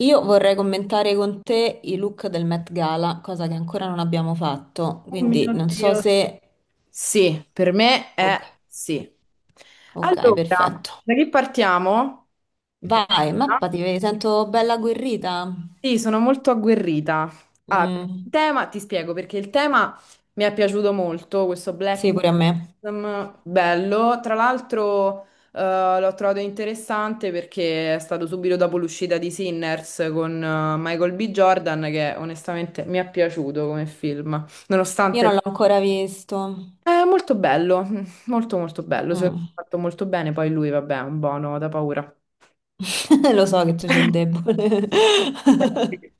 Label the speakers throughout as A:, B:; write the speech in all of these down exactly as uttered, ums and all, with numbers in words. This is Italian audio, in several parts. A: Io vorrei commentare con te i look del Met Gala, cosa che ancora non abbiamo fatto,
B: Oh
A: quindi
B: mio
A: non so
B: Dio.
A: se...
B: Sì, per me è
A: Ok,
B: sì.
A: ok,
B: Allora,
A: perfetto.
B: da che partiamo?
A: Vai, mappati, ti sento bella agguerrita.
B: Sì, sono molto agguerrita. Allora, il
A: Mm,
B: tema, ti spiego perché il tema mi è piaciuto molto, questo Black
A: sì, pure a me.
B: Bottom, bello. Tra l'altro, eh, l'ho trovato interessante perché è stato subito dopo l'uscita di Sinners con eh, Michael B. Jordan, che onestamente mi è piaciuto come film,
A: Io non l'ho
B: nonostante
A: ancora visto.
B: è molto bello, mm, molto molto bello, secondo me
A: Mm.
B: è fatto molto bene, poi lui vabbè è un buono da paura.
A: Lo so che tu c'hai il debole.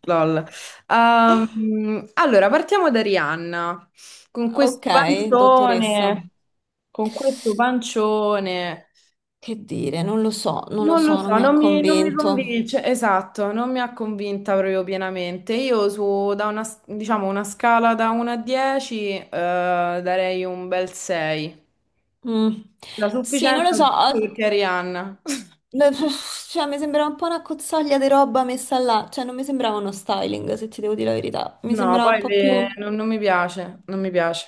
B: Lol. Ehm, allora, partiamo da Rihanna, con questo
A: Ok, dottoressa.
B: pancione, con questo pancione.
A: Che dire, non lo so, non lo
B: Non lo
A: so, non
B: so,
A: mi ha
B: non mi, non mi
A: convinto.
B: convince, esatto, non mi ha convinta proprio pienamente. Io su, da una, s- diciamo, una scala da uno a dieci, eh, darei un bel sei.
A: Mm.
B: La
A: Sì, non lo
B: sufficienza
A: so.
B: perché è Rihanna.
A: No, cioè, mi sembrava un po' una cozzaglia di roba messa là, cioè non mi sembrava uno styling, se ti devo dire la verità. Mi
B: No,
A: sembrava un
B: poi
A: po'
B: le-
A: più...
B: non, non mi piace, non mi piace.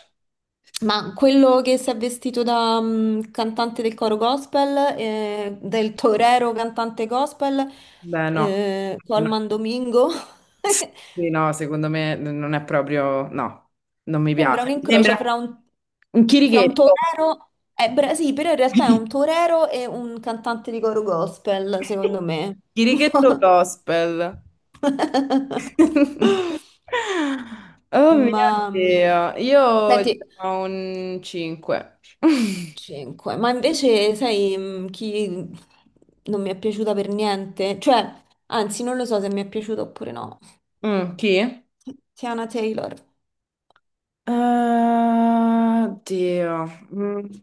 A: Ma quello che si è vestito da mm, cantante del coro gospel, eh, del torero cantante gospel,
B: Beh, no.
A: eh,
B: No.
A: Colman Domingo,
B: Sì, no, secondo me n- non è proprio, no, non mi
A: sembra un
B: piace. Mi
A: incrocio
B: sembra
A: fra un,
B: un
A: fra un
B: chirichetto.
A: torero... Eh, bra- sì, però in realtà è un torero e un cantante di coro gospel, secondo me.
B: Chirichetto gospel. Oh mio
A: Ma mh,
B: Dio, io gli
A: senti,
B: do un cinque.
A: cinque. Ma invece sai mh, chi non mi è piaciuta per niente? Cioè, anzi, non lo so se mi è piaciuta oppure no.
B: Mm, chi?
A: Tiana Taylor.
B: Eh, Dio. Mm.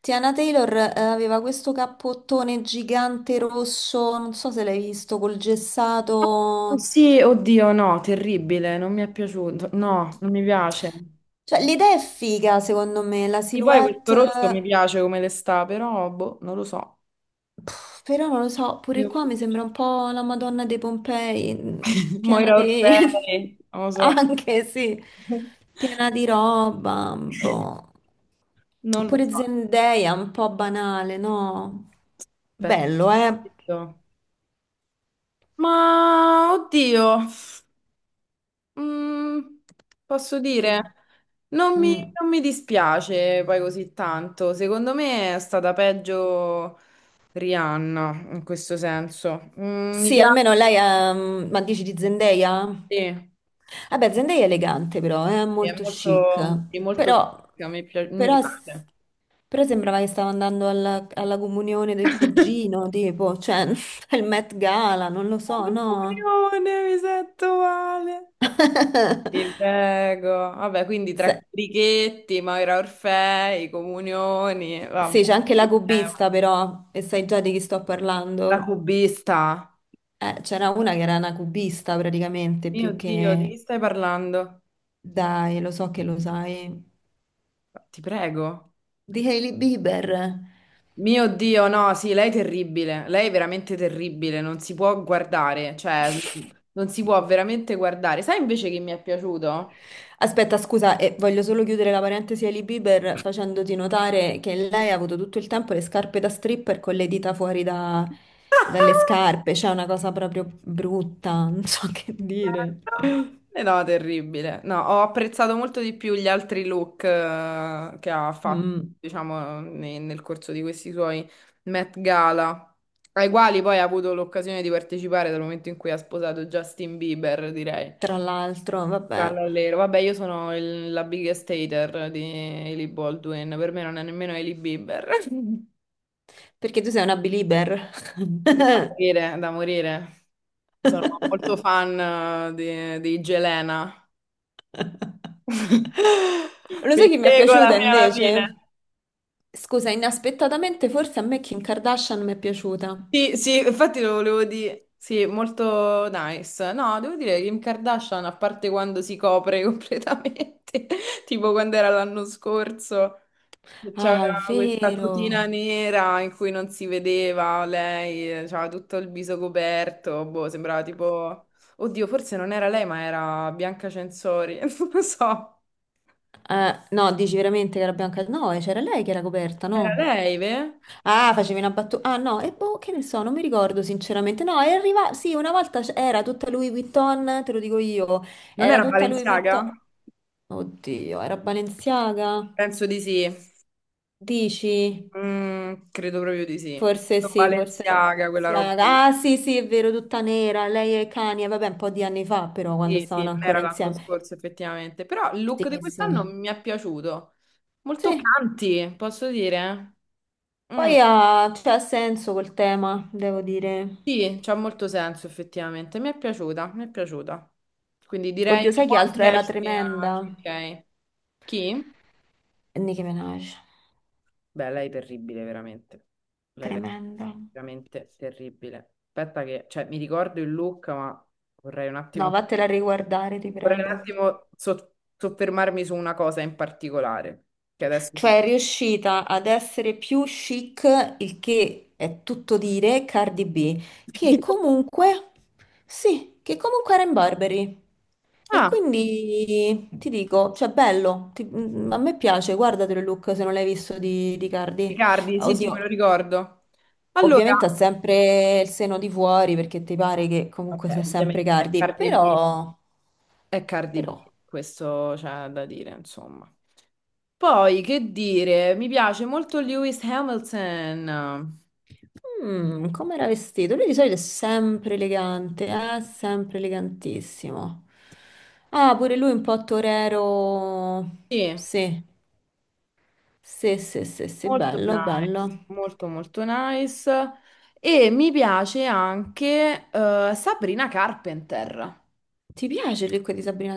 A: Tiana Taylor eh, aveva questo cappottone gigante rosso, non so se l'hai visto, col
B: Oh,
A: gessato.
B: sì, oddio, no, terribile, non mi è piaciuto. No, non mi piace.
A: Cioè, l'idea è figa, secondo me, la
B: E poi questo
A: silhouette.
B: rosso mi piace come le sta, però, boh, non lo so.
A: Pff, però non lo so, pure
B: Io-
A: qua mi sembra un po' la Madonna dei Pompei, mm, piena
B: Moira
A: di...
B: Orfei, non lo so.
A: anche sì, piena di roba, boh.
B: Non lo
A: Pure
B: so.
A: Zendaya, un po' banale, no?
B: Aspetta.
A: Bello, eh?
B: Detto. Ma, oddio, mm, posso
A: Che...
B: dire, non mi,
A: mm.
B: non mi dispiace poi così tanto. Secondo me è stata peggio Rihanna, in questo senso. Mm, mi
A: Sì,
B: piace.
A: almeno lei ha... mm, ma dici di Zendaya?
B: Sì,
A: Vabbè, Zendaya è elegante però, è
B: è
A: molto chic.
B: molto, è molto
A: Però,
B: chic, mi pia- mi
A: però,
B: piace.
A: però sembrava che stava andando alla, alla comunione del cugino, tipo, cioè, il Met Gala, non lo so, no?
B: Comunione, mi sento male. Ti prego. Vabbè, quindi tra
A: Se-
B: Carichetti, Maura Orfei, Comunioni, vabbè.
A: sì, c'è anche la
B: Che tema.
A: cubista però, e sai già di chi sto
B: La
A: parlando.
B: cubista.
A: Eh, c'era una che era una cubista praticamente,
B: Mio
A: più
B: Dio, di
A: che...
B: chi stai parlando?
A: Dai, lo so che lo sai.
B: Ti prego.
A: Di Hailey Bieber.
B: Mio Dio, no, sì, lei è terribile. Lei è veramente terribile, non si può guardare, cioè, non si può veramente guardare. Sai invece che mi è piaciuto?
A: Aspetta, scusa, e voglio solo chiudere la parentesi Hailey Bieber facendoti notare che lei ha avuto tutto il tempo le scarpe da stripper con le dita fuori da- dalle scarpe, c'è una cosa proprio brutta, non so che dire.
B: Eh, no, terribile. No, ho apprezzato molto di più gli altri look eh, che ha fatto,
A: Mm,
B: diciamo, ne- nel corso di questi suoi Met Gala, ai quali poi ha avuto l'occasione di partecipare dal momento in cui ha sposato Justin Bieber, direi.
A: tra l'altro, vabbè,
B: Callallero. Vabbè, io sono il- la biggest hater di Hailey Baldwin, per me non è nemmeno Hailey Bieber.
A: perché tu sei una belieber.
B: Da morire, da morire. Sono molto fan eh, di, di Jelena.
A: Lo
B: Mi
A: sai chi mi è
B: regola
A: piaciuta
B: fino alla fine.
A: invece? Scusa, inaspettatamente forse a me Kim Kardashian mi è piaciuta.
B: Sì, sì, infatti lo volevo dire. Sì, molto nice. No, devo dire che Kim Kardashian, a parte quando si copre completamente, tipo quando era l'anno scorso, che
A: Ah, è
B: c'aveva questa tutina
A: vero.
B: nera in cui non si vedeva lei, eh, c'aveva tutto il viso coperto, boh, sembrava tipo. Oddio, forse non era lei, ma era Bianca Censori, non lo so.
A: Eh, no, dici veramente che era bianca? No, eh, c'era lei che era coperta,
B: Era
A: no?
B: lei, ve?
A: Ah, facevi una battuta. Ah, no, e boh, che ne so, non mi ricordo sinceramente. No, è arrivata. Sì, una volta c- era tutta Louis Vuitton, te lo dico io.
B: Non
A: Era
B: era
A: tutta Louis
B: Balenciaga?
A: Vuitton. Oddio, era Balenciaga?
B: Penso di sì.
A: Dici?
B: Mm, credo proprio di sì.
A: Forse sì, forse era
B: Balenciaga, quella roba lì.
A: Balenciaga. Ah, sì, sì, è vero, tutta nera. Lei e Kanye, vabbè, un po' di anni fa, però, quando
B: Sì, sì,
A: stavano
B: non era
A: ancora
B: l'anno
A: insieme.
B: scorso effettivamente, però il
A: Sì,
B: look di quest'anno
A: sì.
B: mi è piaciuto. Molto
A: Sì,
B: canti, posso dire? Mm,
A: poi ha, cioè, ha senso quel tema, devo dire.
B: sì, c'ha molto senso effettivamente. Mi è piaciuta, mi è piaciuta. Quindi direi
A: Oddio,
B: un
A: sai che
B: buon
A: altro era
B: dieci a
A: tremenda?
B: chi? Ok. Chi?
A: Nicki Minaj.
B: Beh, lei è terribile, veramente. Lei è ver-
A: Tremenda.
B: veramente terribile. Aspetta che, cioè, mi ricordo il look, ma vorrei un
A: No,
B: attimo
A: vattela a riguardare, ti
B: Vorrei un
A: prego.
B: attimo so- soffermarmi su una cosa in particolare, che adesso ti.
A: Cioè, è riuscita ad essere più chic, il che è tutto dire, Cardi B, che comunque, sì, che comunque era in Burberry. E
B: Ah,
A: quindi ti dico, cioè bello, ti- mm, a me piace, guardatelo il look se non l'hai visto di, di Cardi.
B: Riccardi, sì, sì, me lo
A: Oddio,
B: ricordo. Allora,
A: ovviamente ha sempre il seno di fuori perché ti pare che comunque
B: vabbè,
A: sia sempre
B: ovviamente è
A: Cardi,
B: Cardi B,
A: però,
B: è Cardi B,
A: però,
B: questo c'è da dire, insomma. Poi, che dire, mi piace molto Lewis Hamilton.
A: mm, come era vestito? Lui di solito è sempre elegante, eh? Sempre elegantissimo. Ah, pure lui un po' torero,
B: Sì,
A: sì, sì, sì, sì, sì,
B: molto
A: bello,
B: nice,
A: bello.
B: molto molto nice. E mi piace anche eh, Sabrina Carpenter.
A: Ti piace il look di Sabrina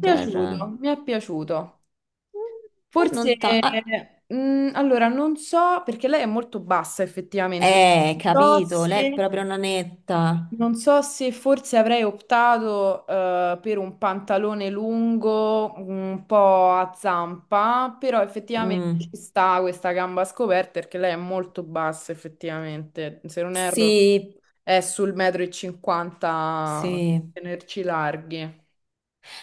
B: Mi è
A: Mm,
B: piaciuto, mi è piaciuto.
A: beh, non
B: Forse,
A: ta... Ah,
B: mm, allora, non so, perché lei è molto bassa effettivamente,
A: eh,
B: non so
A: capito, lei è
B: se,
A: proprio una netta.
B: non so se forse avrei optato eh, per un pantalone lungo, un po' a zampa, però effettivamente ci
A: Mm.
B: sta questa gamba scoperta perché lei è molto bassa effettivamente, se non erro
A: Sì,
B: è sul metro e cinquanta,
A: sì,
B: tenerci larghi.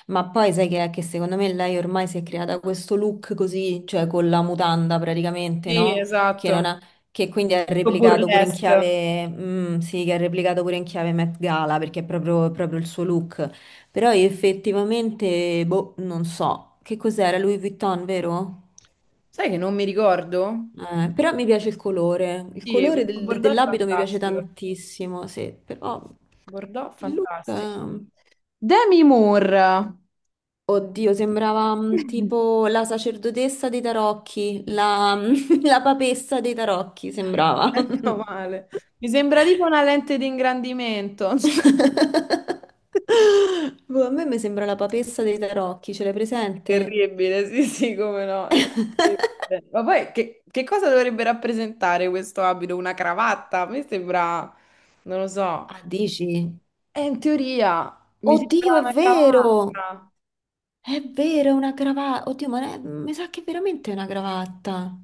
A: ma poi sai che è che secondo me lei ormai si è creata questo look così, cioè con la mutanda praticamente,
B: Sì,
A: no? Che, non
B: esatto.
A: ha, che quindi ha
B: Un po'
A: replicato pure in
B: burlesque.
A: chiave, mm, sì, che ha replicato pure in chiave Met Gala perché è proprio, è proprio il suo look. Però io effettivamente, boh, non so, che cos'era Louis Vuitton, vero?
B: Sai che non mi ricordo?
A: Eh, però mi piace il colore, il
B: Sì, e
A: colore
B: questo
A: del-
B: Bordeaux è
A: dell'abito mi piace
B: fantastico.
A: tantissimo, sì, però
B: Bordeaux
A: il look...
B: fantastico.
A: ehm,
B: Demi Moore.
A: oddio, sembrava mm, tipo la sacerdotessa dei tarocchi, la, la papessa dei tarocchi, sembrava.
B: Ecco male. Mi sembra tipo una lente di ingrandimento.
A: Boh, a me mi sembra la papessa dei tarocchi, ce l'hai presente?
B: Terribile, sì, sì, come no. Terribile. Ma poi che, che cosa dovrebbe rappresentare questo abito? Una cravatta? A me sembra, non lo so.
A: Ah, dici?
B: Eh, in teoria mi
A: Oddio,
B: sembra
A: è
B: una
A: vero!
B: cravatta.
A: È vero, è una cravatta. Oddio, ma è- mi sa che veramente è una cravatta.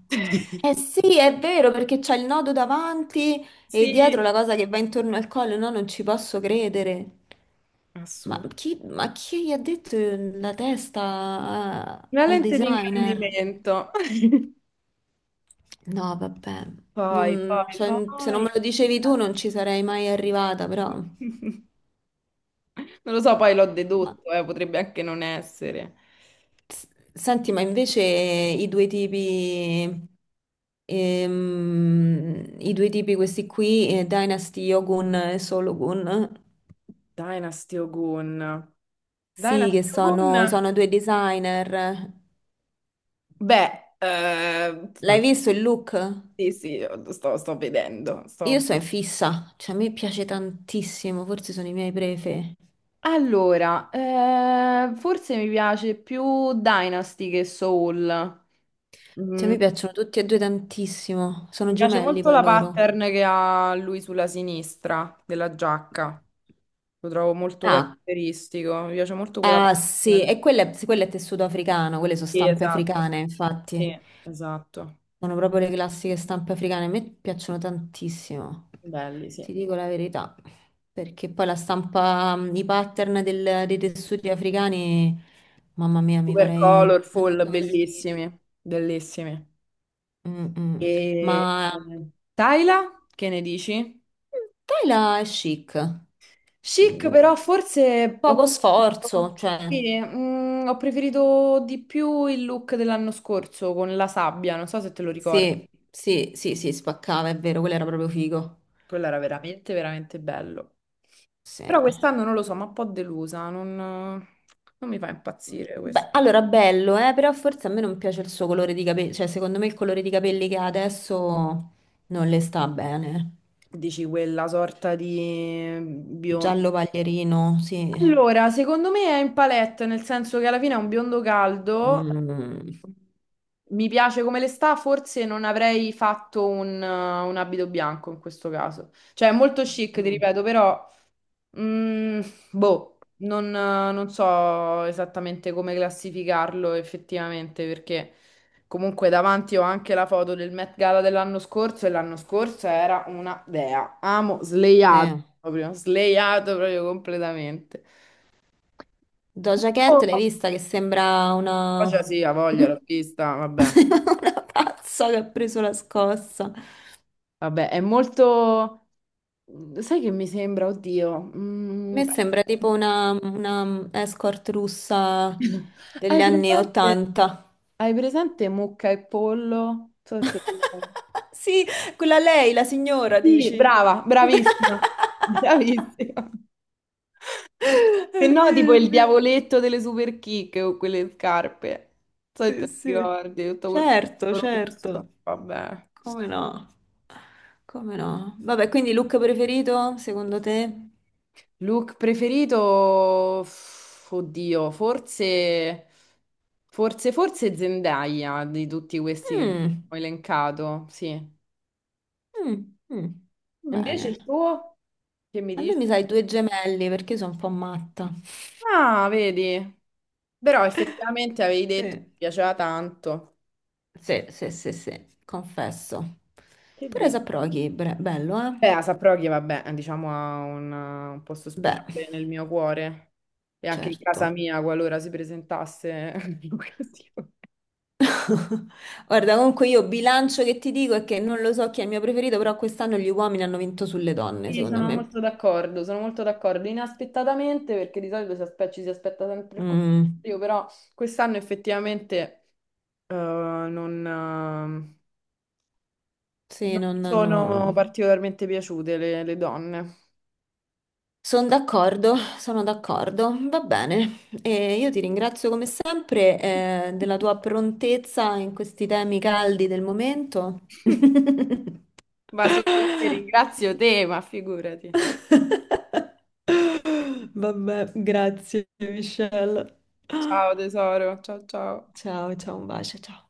A: Eh sì, è vero, perché c'è il nodo davanti e
B: Sì,
A: dietro la cosa che va intorno al collo. No, non ci posso credere. Ma
B: assurdo.
A: chi, ma chi gli ha detto la testa a-
B: Una
A: al
B: lente di
A: designer?
B: ingrandimento.
A: No, vabbè.
B: Poi,
A: Non-
B: poi,
A: cioè, se non
B: poi.
A: me lo dicevi tu non ci sarei mai arrivata, però...
B: Non lo so, poi l'ho
A: Ma,
B: dedotto, eh, potrebbe anche non essere.
A: s- senti, ma invece i due tipi... Ehm, i due tipi questi qui, eh, Dynasty Yogun e Sologun,
B: Dynasty Ogun.
A: sì, che
B: Dynasty
A: sono,
B: Ogun?
A: sono due designer.
B: Beh, eh,
A: L'hai visto il
B: sì,
A: look?
B: sì, sto, sto vedendo.
A: Io
B: Sto-
A: sono in fissa, cioè a me piace tantissimo, forse sono i miei prefe.
B: Allora, eh, forse mi piace più Dynasty che Soul.
A: Cioè, mi piacciono tutti e due tantissimo, sono
B: Mi piace
A: gemelli
B: molto
A: poi
B: la
A: loro.
B: pattern che ha lui sulla sinistra della giacca. Lo trovo molto
A: Ah,
B: caratteristico. Mi piace molto quella
A: ah, sì,
B: pattern.
A: e quello è, quello è tessuto africano, quelle sono
B: Sì,
A: stampe
B: esatto.
A: africane,
B: Sì,
A: infatti.
B: esatto.
A: Sono proprio le classiche stampe africane, a me piacciono tantissimo,
B: Belli, sì.
A: ti dico la verità, perché poi la stampa, mm, i pattern del- dei tessuti africani, mamma mia, mi
B: Super
A: farei
B: colorful,
A: cento vestiti.
B: bellissimi, bellissimi.
A: Mm, mm.
B: E
A: Ma
B: Tyla, che ne dici?
A: tela è chic.
B: Chic,
A: Mm,
B: però forse ho,
A: poco sforzo, cioè,
B: sì, mm, ho preferito di più il look dell'anno scorso con la sabbia, non so se te lo ricordi.
A: sì, sì, sì, sì, spaccava, è vero, quello era proprio figo.
B: Quello era veramente, veramente bello.
A: Sì.
B: Però quest'anno non lo so, ma un po' delusa, non, non mi fa impazzire questo.
A: Beh, allora, bello, eh, però forse a me non piace il suo colore di capelli, cioè secondo me il colore di capelli che ha adesso non le sta bene.
B: Dici quella sorta di biondo.
A: Giallo paglierino, sì.
B: Allora, secondo me è in palette, nel senso che alla fine è un biondo caldo.
A: Mm,
B: Mi piace come le sta, forse non avrei fatto un, un abito bianco in questo caso. Cioè, è molto chic, ti
A: mm,
B: ripeto, però Mm, boh, non, eh, non so esattamente come classificarlo effettivamente, perché comunque davanti ho anche la foto del Met Gala dell'anno scorso e l'anno scorso era una dea. Amo
A: sì.
B: sleiato proprio, sleiato proprio completamente.
A: Doja
B: Oh,
A: Cat, l'hai vista che sembra una...
B: cioè sì, ha voglia, l'ho vista, vabbè.
A: una pazza che ha preso la scossa. A
B: Vabbè, è molto. Sai che mi sembra, oddio, mm.
A: me sembra tipo una, una escort russa degli
B: Hai
A: anni
B: presente?
A: ottanta.
B: Hai presente mucca e pollo? Non so se te lo ricordi.
A: Sì, quella lei, la signora,
B: Sì,
A: dici.
B: brava, bravissima, bravissima.
A: È
B: Se no, tipo
A: vero, è
B: il
A: vero.
B: diavoletto delle super kick o quelle scarpe. Non so se te
A: Sì,
B: lo
A: sì.
B: ricordi, tutto quel
A: Certo,
B: rosso.
A: certo.
B: Vabbè.
A: Come no? Come no? Vabbè, quindi look preferito, secondo te?
B: Look preferito, f- oddio, forse, forse, forse Zendaya di tutti questi che
A: Mm,
B: ho elencato, sì.
A: mm, mm.
B: Invece
A: Bene.
B: il tuo, che mi
A: A me mi
B: dici?
A: sai due gemelli perché io sono un po' matta.
B: Ah, vedi? Però effettivamente avevi detto che
A: Sì,
B: ti piaceva tanto.
A: sì, sì, sì, sì, confesso.
B: Che
A: Però
B: dici?
A: Saproghi, bre- bello, eh?
B: Beh, a Saproghi, vabbè, diciamo ha un, un posto
A: Beh,
B: speciale nel mio cuore e anche in casa
A: certo.
B: mia qualora si presentasse l'occasione.
A: Guarda, comunque io bilancio che ti dico è che non lo so chi è il mio preferito, però quest'anno gli uomini hanno vinto sulle donne,
B: Sì,
A: secondo
B: sono
A: me.
B: molto d'accordo, sono molto d'accordo. Inaspettatamente, perché di solito si aspe- ci si aspetta sempre il
A: Mm,
B: contrario, però quest'anno effettivamente eh, non, eh,
A: sì,
B: non mi
A: non
B: sono
A: hanno...
B: particolarmente piaciute le le donne.
A: Sono d'accordo, sono d'accordo. Va bene. E io ti ringrazio come sempre, eh, della tua prontezza in questi temi caldi del momento.
B: Ma sono io che ringrazio te, ma figurati.
A: Vabbè, grazie, Michelle.
B: Ciao tesoro, ciao ciao.
A: Ciao, ciao, un bacio, ciao.